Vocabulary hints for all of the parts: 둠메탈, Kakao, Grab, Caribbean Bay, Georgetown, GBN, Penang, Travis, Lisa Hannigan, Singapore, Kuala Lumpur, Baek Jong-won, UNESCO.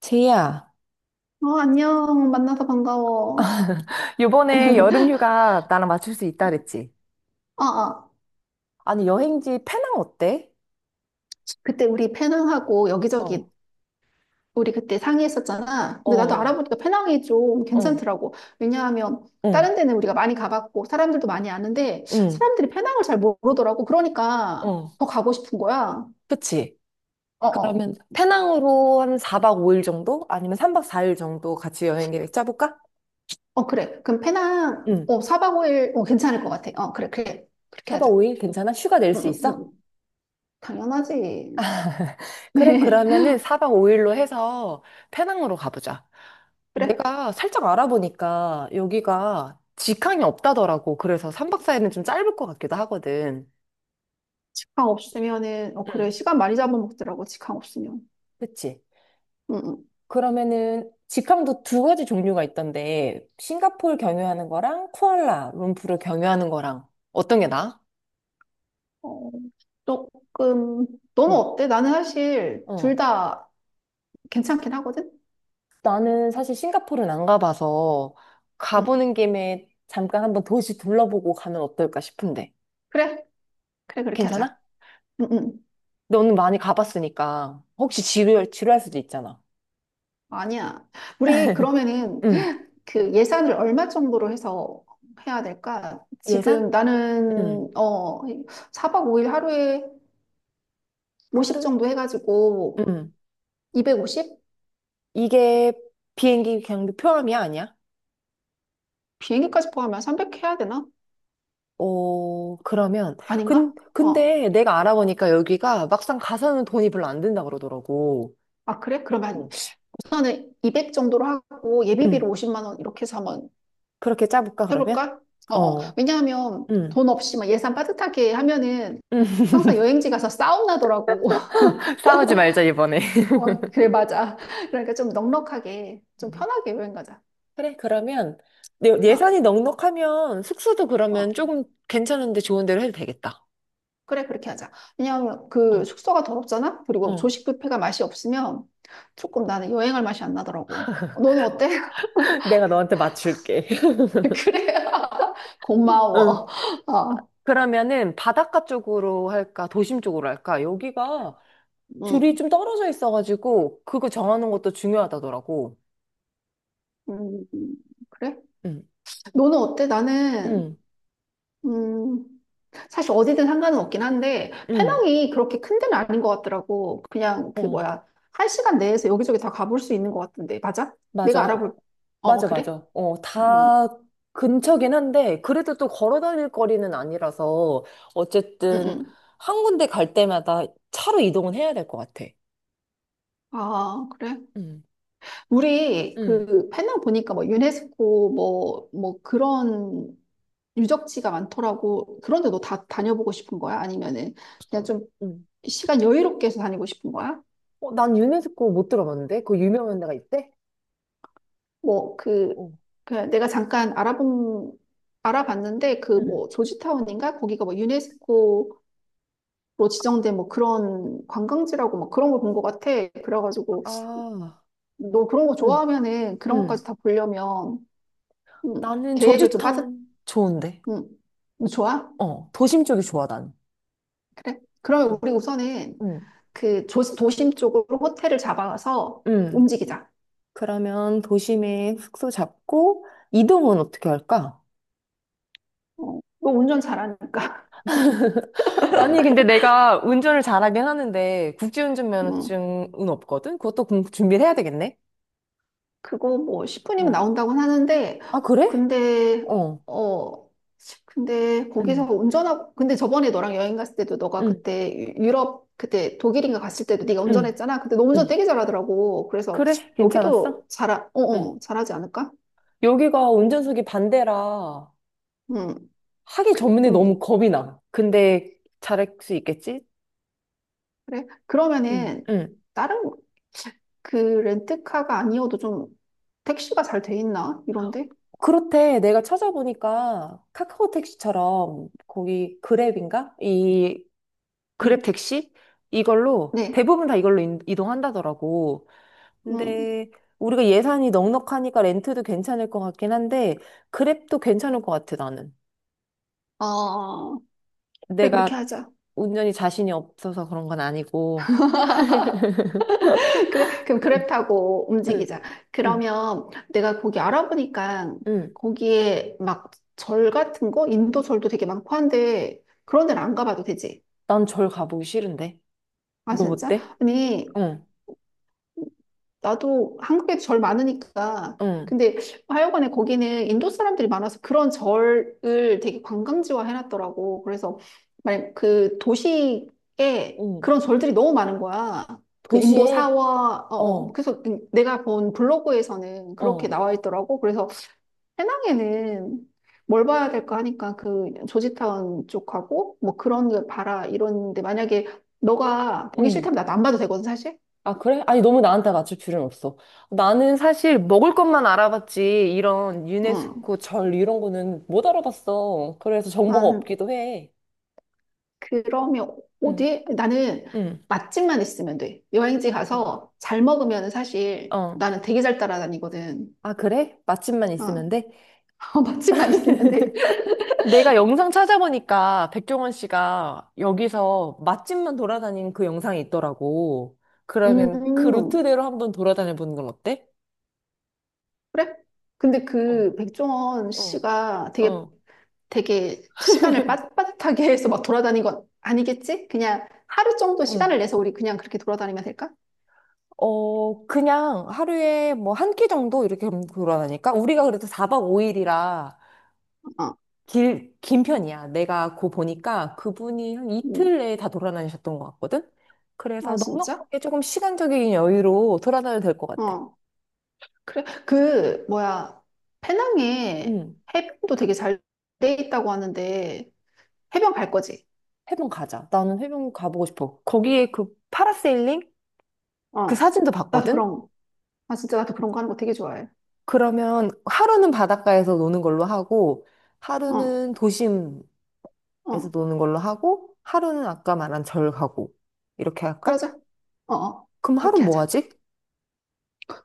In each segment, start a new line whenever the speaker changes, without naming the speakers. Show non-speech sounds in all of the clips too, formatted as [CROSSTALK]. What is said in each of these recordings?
제이야,
어, 안녕. 만나서 반가워.
[LAUGHS] 요번에 여름휴가 나랑 맞출 수 있다 그랬지?
아, 아.
아니 여행지 페낭 어때?
그때 우리 페낭하고
어,
여기저기 우리 그때 상의했었잖아. 근데 나도
어,
알아보니까 페낭이 좀
응,
괜찮더라고. 왜냐하면
응,
다른 데는 우리가 많이 가봤고 사람들도 많이 아는데
응,
사람들이 페낭을 잘 모르더라고. 그러니까
어.
더 가고 싶은 거야.
그치?
어, 어.
그러면 페낭으로 한 4박 5일 정도? 아니면 3박 4일 정도 같이 여행 계획 짜볼까?
어, 그래. 그럼 페낭
응.
4박 5일 괜찮을 것 같아. 어, 그래, 그래. 그렇게
4박
하자.
5일 괜찮아? 휴가 낼
응,
수
응,
있어?
응. 당연하지.
[LAUGHS] 그래,
[LAUGHS]
그러면은 4박 5일로 해서 페낭으로 가보자.
그래.
내가 살짝 알아보니까 여기가 직항이 없다더라고. 그래서 3박 4일은 좀 짧을 것 같기도 하거든.
강 없으면은 그래.
응,
시간 많이 잡아먹더라고. 직항 없으면.
그치.
응응.
그러면은 직항도 두 가지 종류가 있던데, 싱가포르 경유하는 거랑 쿠알라 룸푸르 경유하는 거랑. 어떤 게 나아?
어, 조금 너는
응.
어때? 나는 사실 둘
어.
다 괜찮긴 하거든.
나는 사실 싱가포르는 안 가봐서
응.
가보는 김에 잠깐 한번 도시 둘러보고 가면 어떨까 싶은데.
그래, 그래 그렇게 하자.
괜찮아?
응, 응.
너는 많이 가봤으니까. 혹시 지루할 수도 있잖아.
아니야. 우리 그러면은
응.
그 예산을 얼마 정도로 해서 해야 될까? 지금
예산? 응,
나는 4박 5일 하루에 50
하루에?
정도 해가지고
응.
250
이게 비행기 경비 포함이 아니야?
비행기까지 포함하면 300 해야 되나?
어, 그러면.
아닌가?
근,
어.
근데 내가 알아보니까 여기가 막상 가서는 돈이 별로 안 든다 그러더라고.
아, 그래?
어.
그러면 우선은 200 정도로 하고 예비비로
응.
50만 원 이렇게 해서 한번
그렇게 짜볼까, 그러면?
해볼까? 어, 어.
어,
왜냐하면
응.
돈 없이 막 예산 빠듯하게 하면은
응. [LAUGHS]
항상 여행지 가서 싸움 나더라고. [LAUGHS]
싸우지 말자, 이번에.
어, 그래, 맞아. 그러니까 좀 넉넉하게, 좀 편하게 여행 가자.
그래, 그러면
어,
예산이 넉넉하면 숙소도 그러면
어.
조금 괜찮은데 좋은 데로 해도 되겠다.
그래, 그렇게 하자. 왜냐하면 그
어,
숙소가 더럽잖아? 그리고
어.
조식 뷔페가 맛이 없으면 조금 나는 여행할 맛이 안 나더라고. 너는 어때?
[LAUGHS] 내가 너한테 맞출게. [LAUGHS]
[LAUGHS] 그래. [LAUGHS]
응.
고마워. 어,
그러면은 바닷가 쪽으로 할까, 도심 쪽으로 할까? 여기가 둘이
응.
좀 떨어져 있어가지고 그거 정하는 것도 중요하다더라고.
음, 음, 음. 그래?
응,
너는 어때? 나는
응,
음, 사실 어디든 상관은 없긴 한데,
응.
페낭이 그렇게 큰 데는 아닌 것 같더라고. 그냥 그
어,
뭐야, 한 시간 내에서 여기저기 다 가볼 수 있는 것 같은데, 맞아? 내가
맞아.
알아볼, 어, 어,
맞아,
그래?
맞아. 어,
음,
다 근처긴 한데 그래도 또 걸어 다닐 거리는 아니라서
음,
어쨌든
음.
한 군데 갈 때마다 차로 이동은 해야 될 것 같아.
아, 그래?
응,
우리
응,
그 페낭 보니까 뭐 유네스코 뭐 그런 유적지가 많더라고. 그런데 너 다 다녀보고 싶은 거야? 아니면은 그냥 좀
응.
시간 여유롭게 해서 다니고 싶은 거야?
어, 난 유네스코 못 들어봤는데? 그 유명한 데가 있대?
뭐, 그,
어,
그 내가 잠깐 알아봤는데, 그
응.
뭐, 조지타운인가? 거기가 뭐, 유네스코로 지정된 뭐 그런 관광지라고 뭐 그런 걸 본 것 같아. 그래가지고,
아,
너 그런 거
어,
좋아하면은 그런 것까지
응.
다 보려면, 음,
나는
계획을 좀 빠듯,
조지타운 좋은데.
음, 좋아?
어, 도심 쪽이 좋아, 나는.
그래? 그러면 우리 우선은
응.
그 도심 쪽으로 호텔을 잡아서
응.
움직이자.
그러면 도심에 숙소 잡고 이동은 어떻게 할까?
어, 너 운전 잘하니까.
[LAUGHS] 아니, 근데 내가 운전을 잘하긴 하는데, 국제운전
[LAUGHS]
면허증은 없거든? 그것도 준비를 해야 되겠네?
그거 뭐 10분이면
어,
나온다고 하는데,
아, 그래?
근데,
어,
어, 근데 거기서
응,
운전하고, 근데 저번에 너랑 여행 갔을 때도 너가
응,
그때 유럽, 그때 독일인가 갔을 때도 네가
응,
운전했잖아. 근데 너 운전
응.
되게 잘하더라고. 그래서
그래? 괜찮았어?
여기도
응.
잘하지 않을까?
여기가 운전석이 반대라,
응,
하기 전에
좀,
너무 겁이 나. 근데 잘할 수 있겠지?
그래.
응.
그러면은
응.
다른 그 렌트카가 아니어도 좀 택시가 잘 돼 있나? 이런데?
그렇대. 내가 찾아보니까 카카오 택시처럼 거기 그랩인가? 이 그랩
응,
택시? 이걸로
네,
대부분 다 이걸로 이동한다더라고.
응,
근데 우리가 예산이 넉넉하니까 렌트도 괜찮을 것 같긴 한데 그랩도 괜찮을 것 같아, 나는.
어, 그래, 그렇게
내가
하자.
운전이 자신이 없어서 그런 건 아니고.
그래, 그럼 그랩
응,
타고
응,
움직이자.
응,
그러면 내가 거기 알아보니까
응.
거기에 막 절 같은 거, 인도 절도 되게 많고 한데 그런 데는 안 가봐도 되지.
난 절 가보기 싫은데.
아,
너
진짜?
어때?
아니,
응,
나도 한국에도 절 많으니까.
응,
근데 하여간에 거기는 인도 사람들이 많아서 그런 절을 되게 관광지화 해놨더라고. 그래서 만약 그 도시에
응.
그런 절들이 너무 많은 거야. 그 인도
도시에?
사와, 어, 어.
어,
그래서 내가 본 블로그에서는 그렇게
어,
나와 있더라고. 그래서 해낭에는 뭘 봐야 될까 하니까 그 조지타운 쪽하고 뭐 그런 거 봐라 이러는데 만약에 너가 보기
응.
싫다면 나도 안 봐도 되거든, 사실.
아, 그래? 아니, 너무 나한테 맞출 필요는 없어. 나는 사실 먹을 것만 알아봤지, 이런
응.
유네스코 절 이런 거는 못 알아봤어. 그래서 정보가
아,
없기도 해.
그러면
응,
어디? 나는
응,
맛집만 있으면 돼. 여행지
응.
가서 잘 먹으면 사실
어.
나는 되게 잘 따라다니거든.
아, 그래? 맛집만 있으면
어,
돼?
[LAUGHS] 맛집만 있으면 돼.
내가 영상 찾아보니까 백종원 씨가 여기서 맛집만 돌아다닌 그 영상이 있더라고. 그러면 그
음,
루트대로 한번 돌아다녀 보는 건 어때?
그래? 근데
어,
그 백종원
어,
씨가 되게
어.
되게 시간을 빠듯빠듯하게 해서 막 돌아다닌 건 아니겠지? 그냥 하루 정도 시간을
어.
내서 우리 그냥 그렇게 돌아다니면 될까?
어, 그냥 하루에 뭐 한 끼 정도 이렇게 돌아다니까? 우리가 그래도 4박 5일이라
어,
긴 편이야. 내가 그 보니까 그분이 한
음,
이틀 내에 다 돌아다니셨던 것 같거든?
아
그래서
진짜?
넉넉하게 조금 시간적인 여유로 돌아다녀도 될 것 같아.
어. 그래, 그, 뭐야, 페낭에
응,
해변도 되게 잘 돼 있다고 하는데, 해변 갈 거지?
해변 가자. 나는 해변 가보고 싶어. 거기에 그 파라세일링? 그
어.
사진도
나도
봤거든?
그런, 거. 아, 진짜 나도 그런 거 하는 거 되게 좋아해.
그러면 하루는 바닷가에서 노는 걸로 하고,
어,
하루는 도심 에서
어.
노는 걸로 하고 하루는 아까 말한 절 가고 이렇게 할까?
그러자. 어, 어.
그럼 하루
그렇게
뭐
하자.
하지?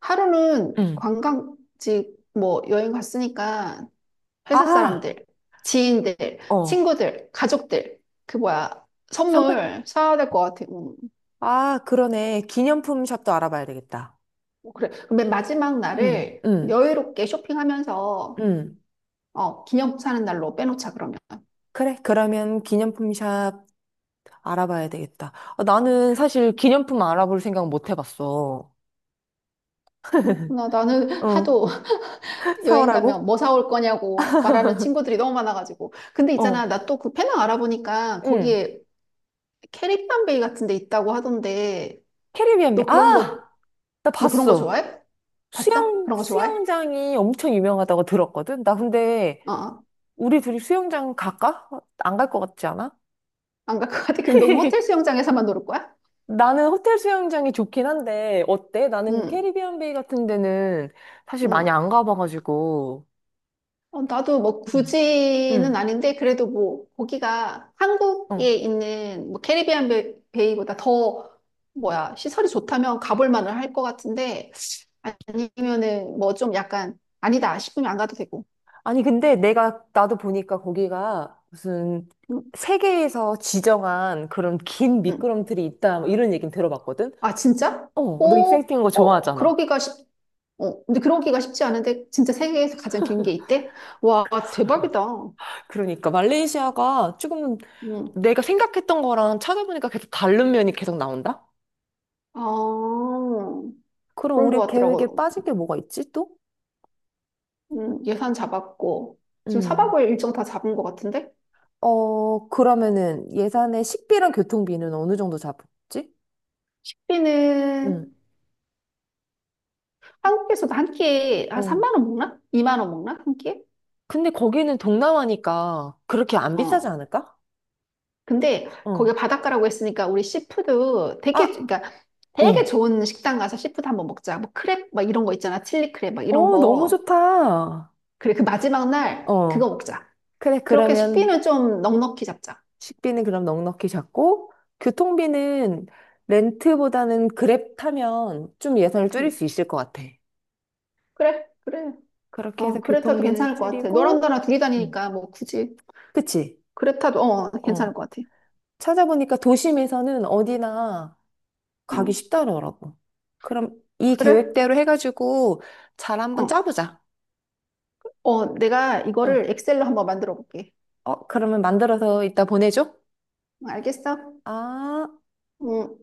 하루는
응.
관광지 뭐 여행 갔으니까 회사
아,
사람들, 지인들,
어.
친구들, 가족들, 그 뭐야,
선물?
선물 사야 될 것 같아.
아, 그러네. 기념품 샵도 알아봐야 되겠다.
뭐 그래. 그럼 맨 마지막
응,
날을
응,
여유롭게 쇼핑하면서
응.
기념 사는 날로 빼놓자, 그러면.
그래, 그러면 기념품 샵 알아봐야 되겠다. 아, 나는 사실 기념품 알아볼 생각 못 해봤어.
그렇구나. 나는
응,
하도
[LAUGHS]
[LAUGHS] 여행 가면
사오라고?
뭐 사올 거냐고 말하는 친구들이 너무 많아가지고. 근데 있잖아,
어.
나 또 그 페낭 알아보니까
응.
거기에 캐릭터 베이 같은 데 있다고 하던데, 너 그런 거,
아! 나
너 그런 거
봤어.
좋아해? 봤어?
수영,
그런 거 좋아해?
수영장이 엄청 유명하다고 들었거든? 나 근데
어, 어.
우리 둘이 수영장 갈까? 안 갈 것 같지 않아?
안 갈 것 같아. 그럼 너 호텔
[LAUGHS]
수영장에서만 놀을 거야?
나는 호텔 수영장이 좋긴 한데, 어때? 나는
응,
캐리비안 베이 같은 데는 사실 많이
응.
안 가봐가지고.
어, 나도 뭐
응.
굳이는
응.
아닌데 그래도 뭐 거기가 한국에
어.
있는 뭐 캐리비안 베이보다 더 뭐야 시설이 좋다면 가볼 만을 할 것 같은데 아니면은 뭐 좀 약간 아니다 싶으면 안 가도 되고.
아니, 근데 나도 보니까 거기가 무슨
음,
세계에서 지정한 그런 긴
음.
미끄럼틀이 있다, 뭐 이런 얘기는 들어봤거든?
아 진짜?
어, 너
오,
익사이팅한 거
어,
좋아하잖아.
그러기가 쉽. 어, 근데 그러기가 쉽지 않은데 진짜 세계에서 가장 긴 게 있대? 와 대박이다.
그러니까 말레이시아가 조금
음.
내가 생각했던 거랑 찾아보니까 계속 다른 면이 계속 나온다?
아
그럼
그런 것
우리 계획에
같더라고.
빠진 게 뭐가 있지 또?
예산 잡았고, 지금 사박
음,
고일 일정 다 잡은 것 같은데?
어, 그러면은 예산에 식비랑 교통비는 어느 정도 잡았지? 응.
우리는 한국에서도 한 끼에 한
응.
3만 원 먹나? 2만 원 먹나? 한 끼에?
근데 거기는 동남아니까 그렇게 안 비싸지
어.
않을까?
근데
어,
거기 바닷가라고 했으니까 우리 씨푸드 되게,
아,
그러니까 되게
어,
좋은 식당 가서 씨푸드 한번 먹자. 뭐 크랩 막 이런 거 있잖아. 칠리 크랩 막 이런
어, 너무
거.
좋다.
그래, 그 마지막 날
어.
그거 먹자.
그래,
그렇게
그러면
식비는 좀 넉넉히 잡자.
식비는 그럼 넉넉히 잡고, 교통비는 렌트보다는 그랩 타면 좀 예산을 줄일
음,
수 있을 것 같아.
그래, 그래.
그렇게
어,
해서
그래 타도
교통비는
괜찮을 것 같아. 너랑
줄이고,
나랑 둘이
음,
다니니까 뭐 굳이
그치?
그래 타도
어.
괜찮을 것 같아.
찾아보니까 도심에서는 어디나 가기
응.
쉽다더라고. 그럼 이
그래?
계획대로 해가지고 잘 한번
어,
짜보자.
어, 내가
응.
이거를 엑셀로 한번 만들어 볼게.
어, 그러면 만들어서 이따 보내줘?
응, 알겠어?
아.
응,